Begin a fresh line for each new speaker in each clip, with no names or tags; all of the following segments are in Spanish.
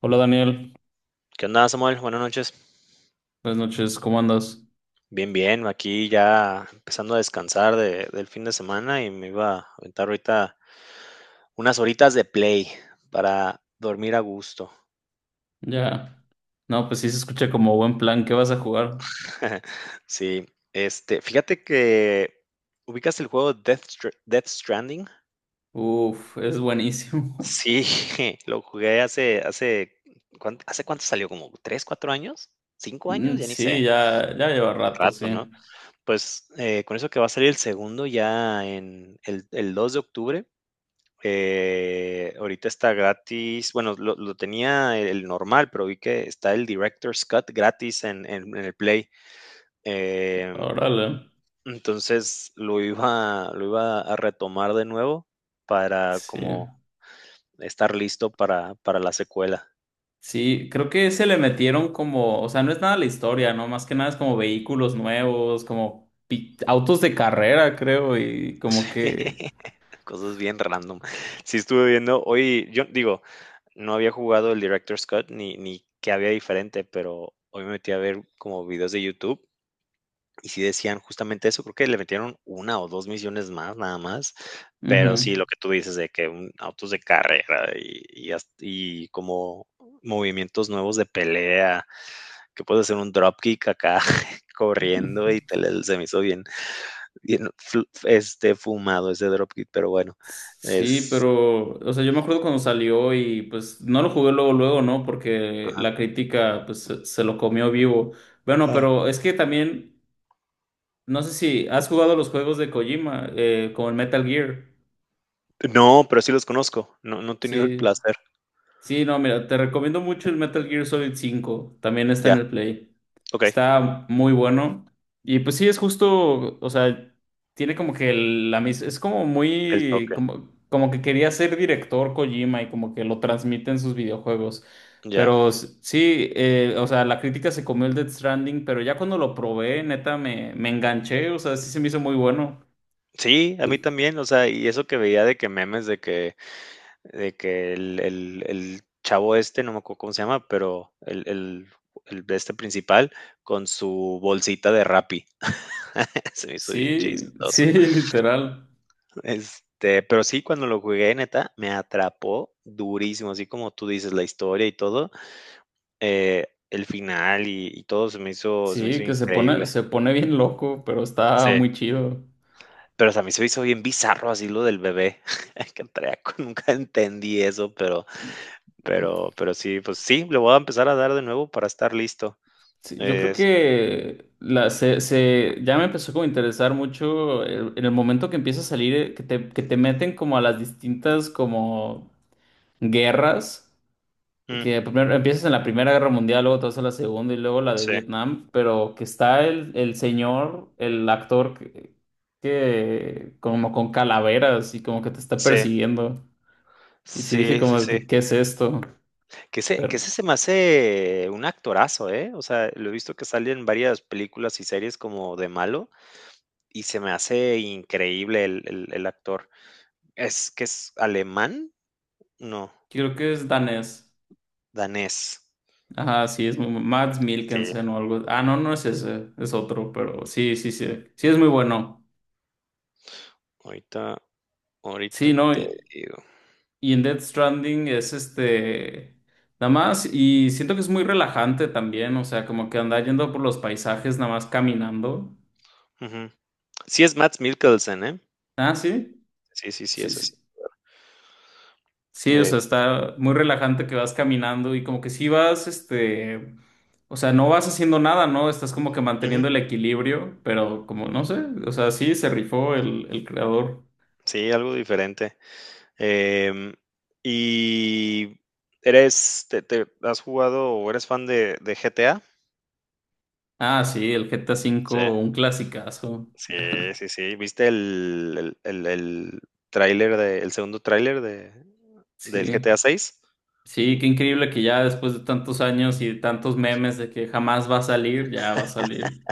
Hola Daniel,
¿Qué onda, Samuel? Buenas noches.
buenas noches, ¿cómo andas?
Bien, bien, aquí ya empezando a descansar del fin de semana y me iba a aventar ahorita unas horitas de play para dormir a gusto.
Ya. No, pues sí se escucha como buen plan, ¿qué vas a jugar?
Sí, fíjate que ubicas el juego Death, Death Stranding.
Uf, es buenísimo.
Sí, lo jugué ¿hace cuánto salió? ¿Como 3, 4 años? ¿5 años?
Mm,
Ya ni
sí,
sé.
ya, ya lleva
Un
rato, sí.
rato, ¿no? Pues con eso que va a salir el segundo ya en el 2 de octubre. Ahorita está gratis. Bueno, lo tenía el normal, pero vi que está el Director's Cut gratis en el Play. Eh,
Órale.
entonces lo iba a retomar de nuevo para
Sí.
como estar listo para la secuela.
Sí, creo que se le metieron como, o sea, no es nada la historia, ¿no? Más que nada es como vehículos nuevos, como autos de carrera, creo, y como que.
Cosas bien random. Sí estuve viendo, hoy yo digo, no había jugado el Director's Cut ni qué había diferente, pero hoy me metí a ver como videos de YouTube. Y sí decían justamente eso, creo que le metieron una o 2 misiones más, nada más, pero
Ujú.
sí, lo que tú dices de que un autos de carrera y como movimientos nuevos de pelea, que puedes hacer un dropkick acá corriendo y te le se me hizo bien bien fumado ese dropkick, pero bueno,
Sí,
es
pero, o sea, yo me acuerdo cuando salió y pues no lo jugué luego, luego, ¿no? Porque la
ajá.
crítica pues se lo comió vivo. Bueno,
Ah,
pero es que también, no sé si has jugado los juegos de Kojima, como el Metal Gear.
no, pero sí los conozco, no he tenido el
Sí.
placer.
Sí, no, mira, te recomiendo mucho el Metal Gear Solid cinco. También está en
Ya,
el Play.
okey,
Está muy bueno. Y pues sí, es justo, o sea, tiene como que la misma, es como
el
muy,
toque,
como que quería ser director Kojima y como que lo transmite en sus videojuegos.
ya.
Pero sí, o sea, la crítica se comió el Death Stranding, pero ya cuando lo probé, neta, me enganché, o sea, sí se me hizo muy bueno.
Sí, a mí también, o sea, y eso que veía de que memes de que el chavo este, no me acuerdo cómo se llama, pero el de este principal con su bolsita de Rappi. Se me hizo bien
Sí, sí,
chistoso.
literal.
Pero sí, cuando lo jugué, neta, me atrapó durísimo, así como tú dices, la historia y todo, el final y todo se me hizo, se me
Sí,
hizo
que se pone,
increíble.
se pone bien loco, pero está
Sí.
muy chido.
Pero o sea, a mí se me hizo bien bizarro así lo del bebé que traía, nunca entendí eso, pero sí, pues sí, le voy a empezar a dar de nuevo para estar listo.
Sí, yo creo
Es-
que ya me empezó como a interesar mucho en el momento que empieza a salir, que te meten como a las distintas como guerras,
mm.
que primero empiezas en la Primera Guerra Mundial, luego te vas a la Segunda y luego la de
Sí,
Vietnam, pero que está el señor, el actor que como con calaveras y como que te está
sí,
persiguiendo. Y sí dije
sí, sí,
como,
sí.
de que, ¿qué es esto?
Que ese, que
Pero...
ese se me hace un actorazo, ¿eh? O sea, lo he visto que sale en varias películas y series como de malo y se me hace increíble el actor. ¿Es que es alemán? No,
Creo que es danés.
danés.
Ajá, sí, Mads
Sí,
Mikkelsen o algo. Ah, no, no es ese, es otro, pero sí, sí, sí. Sí, es muy bueno.
ahorita, ahorita
Sí, no.
te
Y
digo.
y en Death Stranding es este. Nada más, y siento que es muy relajante también, o sea, como que anda yendo por los paisajes, nada más caminando.
Ujú. Sí es Mads Mikkelsen, ¿eh?
Ah, sí.
Sí, sí, sí,
Sí,
es ese.
sí. Sí, o
Eh,
sea, está muy relajante que vas caminando y como que sí vas, o sea, no vas haciendo nada, ¿no? Estás como que
ujú.
manteniendo el equilibrio, pero como, no sé, o sea, sí, se rifó el creador.
Sí, algo diferente. Em, ¿y has jugado o eres fan de GTA?
Ah, sí, el GTA
Sí,
cinco, un clasicazo.
sí, sí, sí. ¿Viste el el segundo tráiler del GTA
Sí,
6?
sí, qué increíble que ya después de tantos años y de tantos memes de que jamás va a salir, ya va a salir.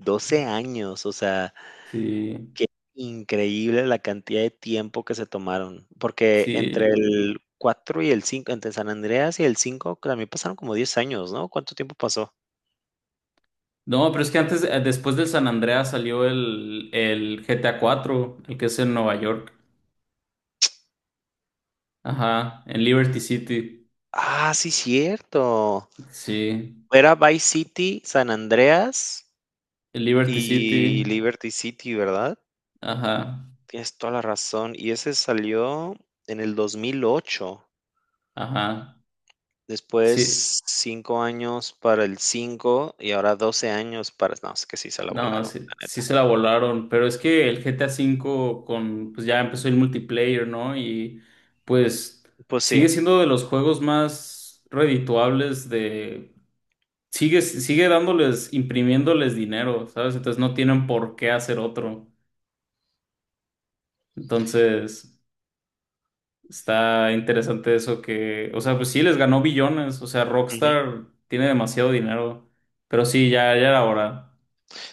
12 años, o sea,
Sí,
qué increíble la cantidad de tiempo que se tomaron, porque entre
sí.
el 4 y el 5, entre San Andreas y el 5, también pasaron como 10 años, ¿no? ¿Cuánto tiempo pasó?
No, pero es que antes, después del San Andreas salió el GTA cuatro, el que es en Nueva York. Ajá, en Liberty City.
Ah, sí, cierto.
Sí,
Era Vice City, San Andreas
en Liberty
y
City.
Liberty City, ¿verdad?
Ajá,
Tienes toda la razón. Y ese salió en el 2008.
ajá.
Después
Sí,
5 años para el cinco y ahora 12 años para no, es que sí se la
no,
volaron,
sí,
la
sí
neta.
se la volaron, pero es que el GTA V pues ya empezó el multiplayer, ¿no? Y pues
Pues sí,
sigue siendo de los juegos más redituables de. Sigue dándoles, imprimiéndoles dinero, ¿sabes? Entonces no tienen por qué hacer otro. Entonces... Está interesante eso que, o sea, pues sí les ganó billones, o sea,
ujú.
Rockstar tiene demasiado dinero, pero sí, ya, ya era hora.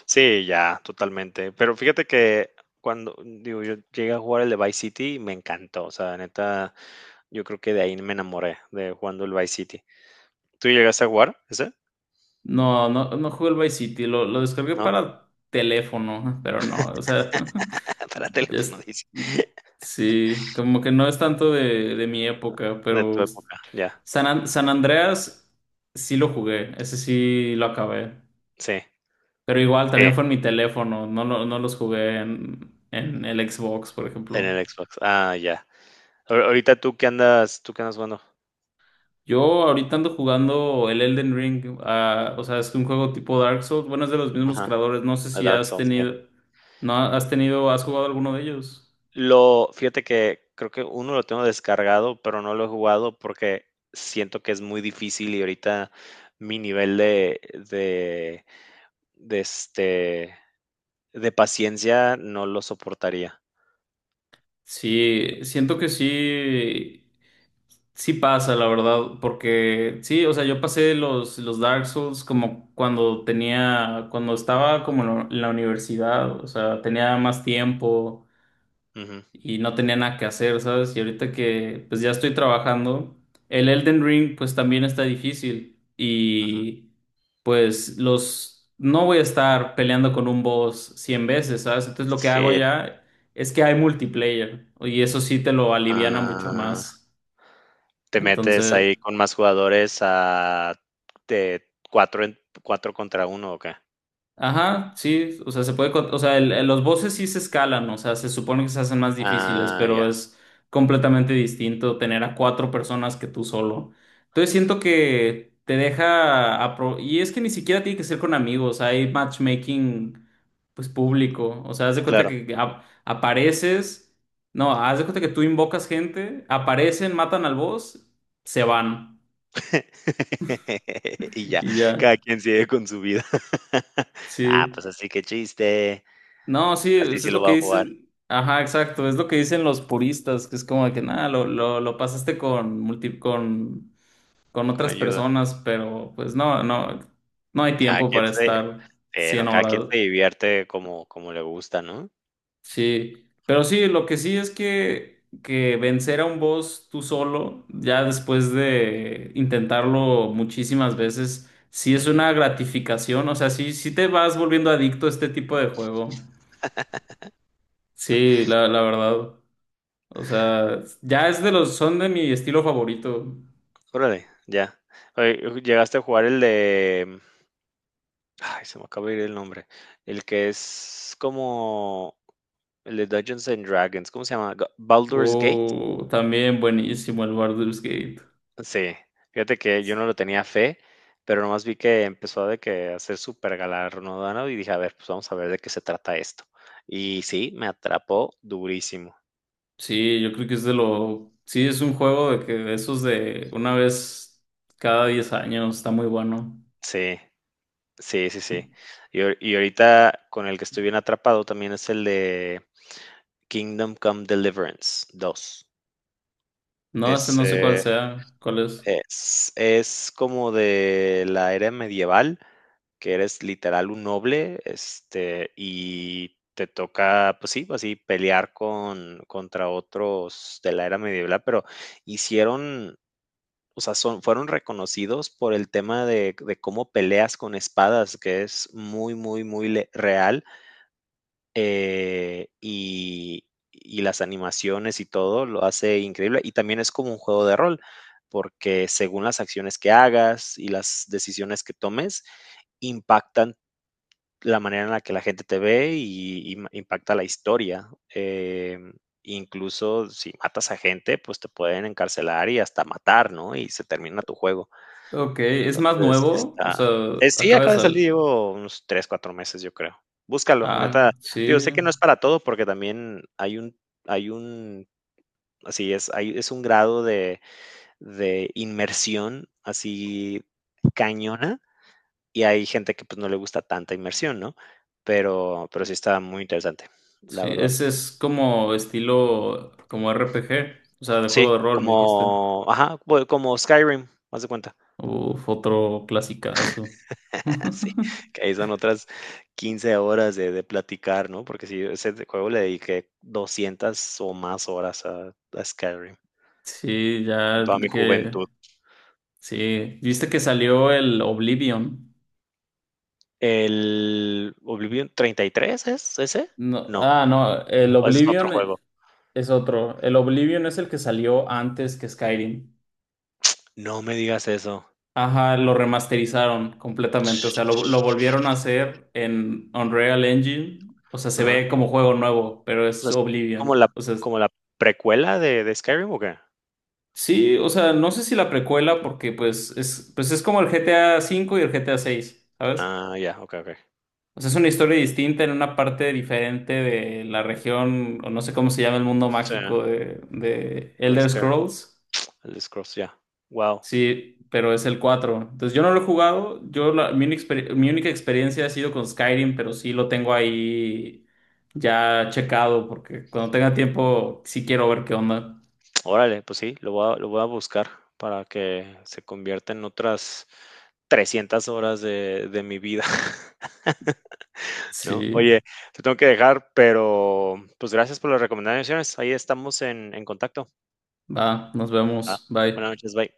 Sí, ya, totalmente. Pero fíjate que cuando, digo, yo llegué a jugar el de Vice City me encantó. O sea, neta, yo creo que de ahí me enamoré de jugando el Vice City. ¿Tú llegaste a jugar ese?
No, no, no jugué el Vice City, lo descargué
¿No?
para teléfono, pero no, o sea,
Para
ya
teléfono,
es-
dice.
sí, como que no es tanto de, mi época,
De tu
pero
época, ya.
San Andreas sí lo jugué, ese sí lo acabé,
Sí,
pero igual
sí,
también fue en mi teléfono, no, no los jugué en el Xbox, por
en
ejemplo.
el Xbox. Ah, ya. Ahorita tú qué andas jugando.
Yo ahorita ando jugando el Elden Ring, o sea, es un juego tipo Dark Souls, bueno, es de los mismos
Ajá,
creadores, no sé
a
si
Dark
has
Souls, sí.
tenido, no has tenido, has jugado alguno de ellos.
Lo Fíjate que creo que uno lo tengo descargado, pero no lo he jugado porque siento que es muy difícil y ahorita mi nivel de, este, de paciencia no lo soportaría.
Sí, siento que sí, sí pasa, la verdad, porque sí, o sea, yo pasé los, Dark Souls como cuando tenía, cuando estaba como en la universidad, o sea, tenía más tiempo.
Ujú.
Y no tenía nada que hacer, ¿sabes? Y ahorita que pues ya estoy trabajando, el Elden Ring pues también está difícil y pues los no voy a estar peleando con un boss 100 veces, ¿sabes? Entonces lo que hago
Sí.
ya es que hay multiplayer y eso sí te lo aliviana mucho
Ah.
más.
Te metes
Entonces,
ahí con más jugadores a de 4 en 4 contra uno, ¿o qué?
Ajá, sí, o sea, se puede, o sea, los voces sí se escalan, o sea, se supone que se hacen más difíciles,
Ah,
pero
ya,
es completamente distinto tener a cuatro personas que tú solo. Entonces siento que te deja, y es que ni siquiera tiene que ser con amigos, hay matchmaking, pues público, o sea, haz de cuenta
claro.
que apareces, no, haz de cuenta que tú invocas gente, aparecen, matan al boss, se van,
Y ya,
y
cada
ya,
quien sigue con su vida. Ah,
sí.
pues así, que chiste.
No, sí,
Así
es
sí
es
lo
lo
va
que
a jugar,
dicen. Ajá, exacto, es lo que dicen los puristas, que es como de que nada, lo pasaste con
con
otras
ayuda.
personas, pero pues no, no, no hay
Cada
tiempo
quien
para
se
estar 100
No, cada quien
horas.
se divierte como le gusta, ¿no?
Sí, pero sí, lo que sí es que vencer a un boss tú solo, ya después de intentarlo muchísimas veces, sí es
Ujú.
una gratificación, o sea, sí, sí te vas volviendo adicto a este tipo de juego. Sí, la verdad. O sea, ya es son de mi estilo favorito.
Órale, ya. Oye, ¿llegaste a jugar el de? Ay, se me acaba de ir el nombre. El que es como El de Dungeons and Dragons, ¿cómo se llama? Baldur's Gate.
O también buenísimo el Baldur's Gate.
Sí, fíjate que yo no lo tenía fe, pero nomás vi que empezó de que a ser súper galardonado y dije, a ver, pues vamos a ver de qué se trata esto. Y sí, me atrapó durísimo.
Sí, yo creo que sí, es un juego de esos de una vez cada 10 años, está muy bueno.
Sí, sí, sí, sí. Y ahorita con el que estoy bien atrapado también es el de Kingdom Come Deliverance 2.
No, ese no sé
Ese,
cuál es.
Es como de la era medieval, que eres literal un noble, y te toca, pues sí, así pelear contra otros de la era medieval, pero hicieron, o sea, son fueron reconocidos por el tema de cómo peleas con espadas, que es muy, muy, muy le real, eh, y y las animaciones y todo lo hace increíble. Y también es como un juego de rol, porque según las acciones que hagas y las decisiones que tomes, impactan la manera en la que la gente te ve y impacta la historia. Eh, incluso si matas a gente, pues te pueden encarcelar y hasta matar, ¿no? Y se termina tu juego.
Ok, es más
Entonces,
nuevo, o sea,
sí,
acaba de
acaba de salir,
salir.
llevo unos 3, 4 meses, yo creo. Búscalo, neta.
Ah, sí,
Digo, sé que no es para todo, porque también hay un así es, hay es un grado de inmersión así cañona, y hay gente que, pues, no le gusta tanta inmersión, ¿no? Pero sí está muy interesante, la
sí,
verdad.
ese es como estilo, como RPG, o sea, de juego
Sí,
de rol, me dijiste.
como ajá, bueno, como Skyrim, haz de cuenta.
Uf, otro clasicazo.
Sí, que ahí son otras 15 horas de platicar, ¿no? Porque si ese de juego le dediqué 200 o más horas a Skyrim,
Sí, ya
toda mi
que
juventud.
sí, viste que salió el Oblivion.
El Oblivion, ¿33 es ese?
No,
No,
no, el
o ese es otro
Oblivion
juego.
es otro. El Oblivion es el que salió antes que Skyrim.
No me digas eso.
Ajá, lo remasterizaron completamente, o
Ch-
sea, lo volvieron a hacer en Unreal Engine. O sea, se
Ajá.
ve como juego nuevo, pero
O
es
sea, ¿es como la
Oblivion. O sea,
como la precuela de Skyrim o qué?
sí, o sea, no sé si la precuela porque pues es como el GTA cinco y el GTA seis, ¿sabes?
Ah, ya, okey, okey.
O sea, es una historia distinta en una parte diferente de la región, o no sé cómo se llama el mundo
Sí,
mágico de
el
Elder
Skyrim,
Scrolls.
el Scrolls, ya. Wow.
Sí, pero es el cuatro. Entonces, yo no lo he jugado. Yo mi única experiencia ha sido con Skyrim, pero sí lo tengo ahí ya checado, porque cuando tenga tiempo sí quiero ver qué onda.
Órale, pues sí, lo voy a buscar para que se convierta en otras 300 horas de mi vida, ¿no?
Sí,
Oye, te tengo que dejar, pero pues gracias por las recomendaciones. Ahí estamos en contacto.
va, nos
Ah,
vemos.
buenas
Bye.
noches, bye.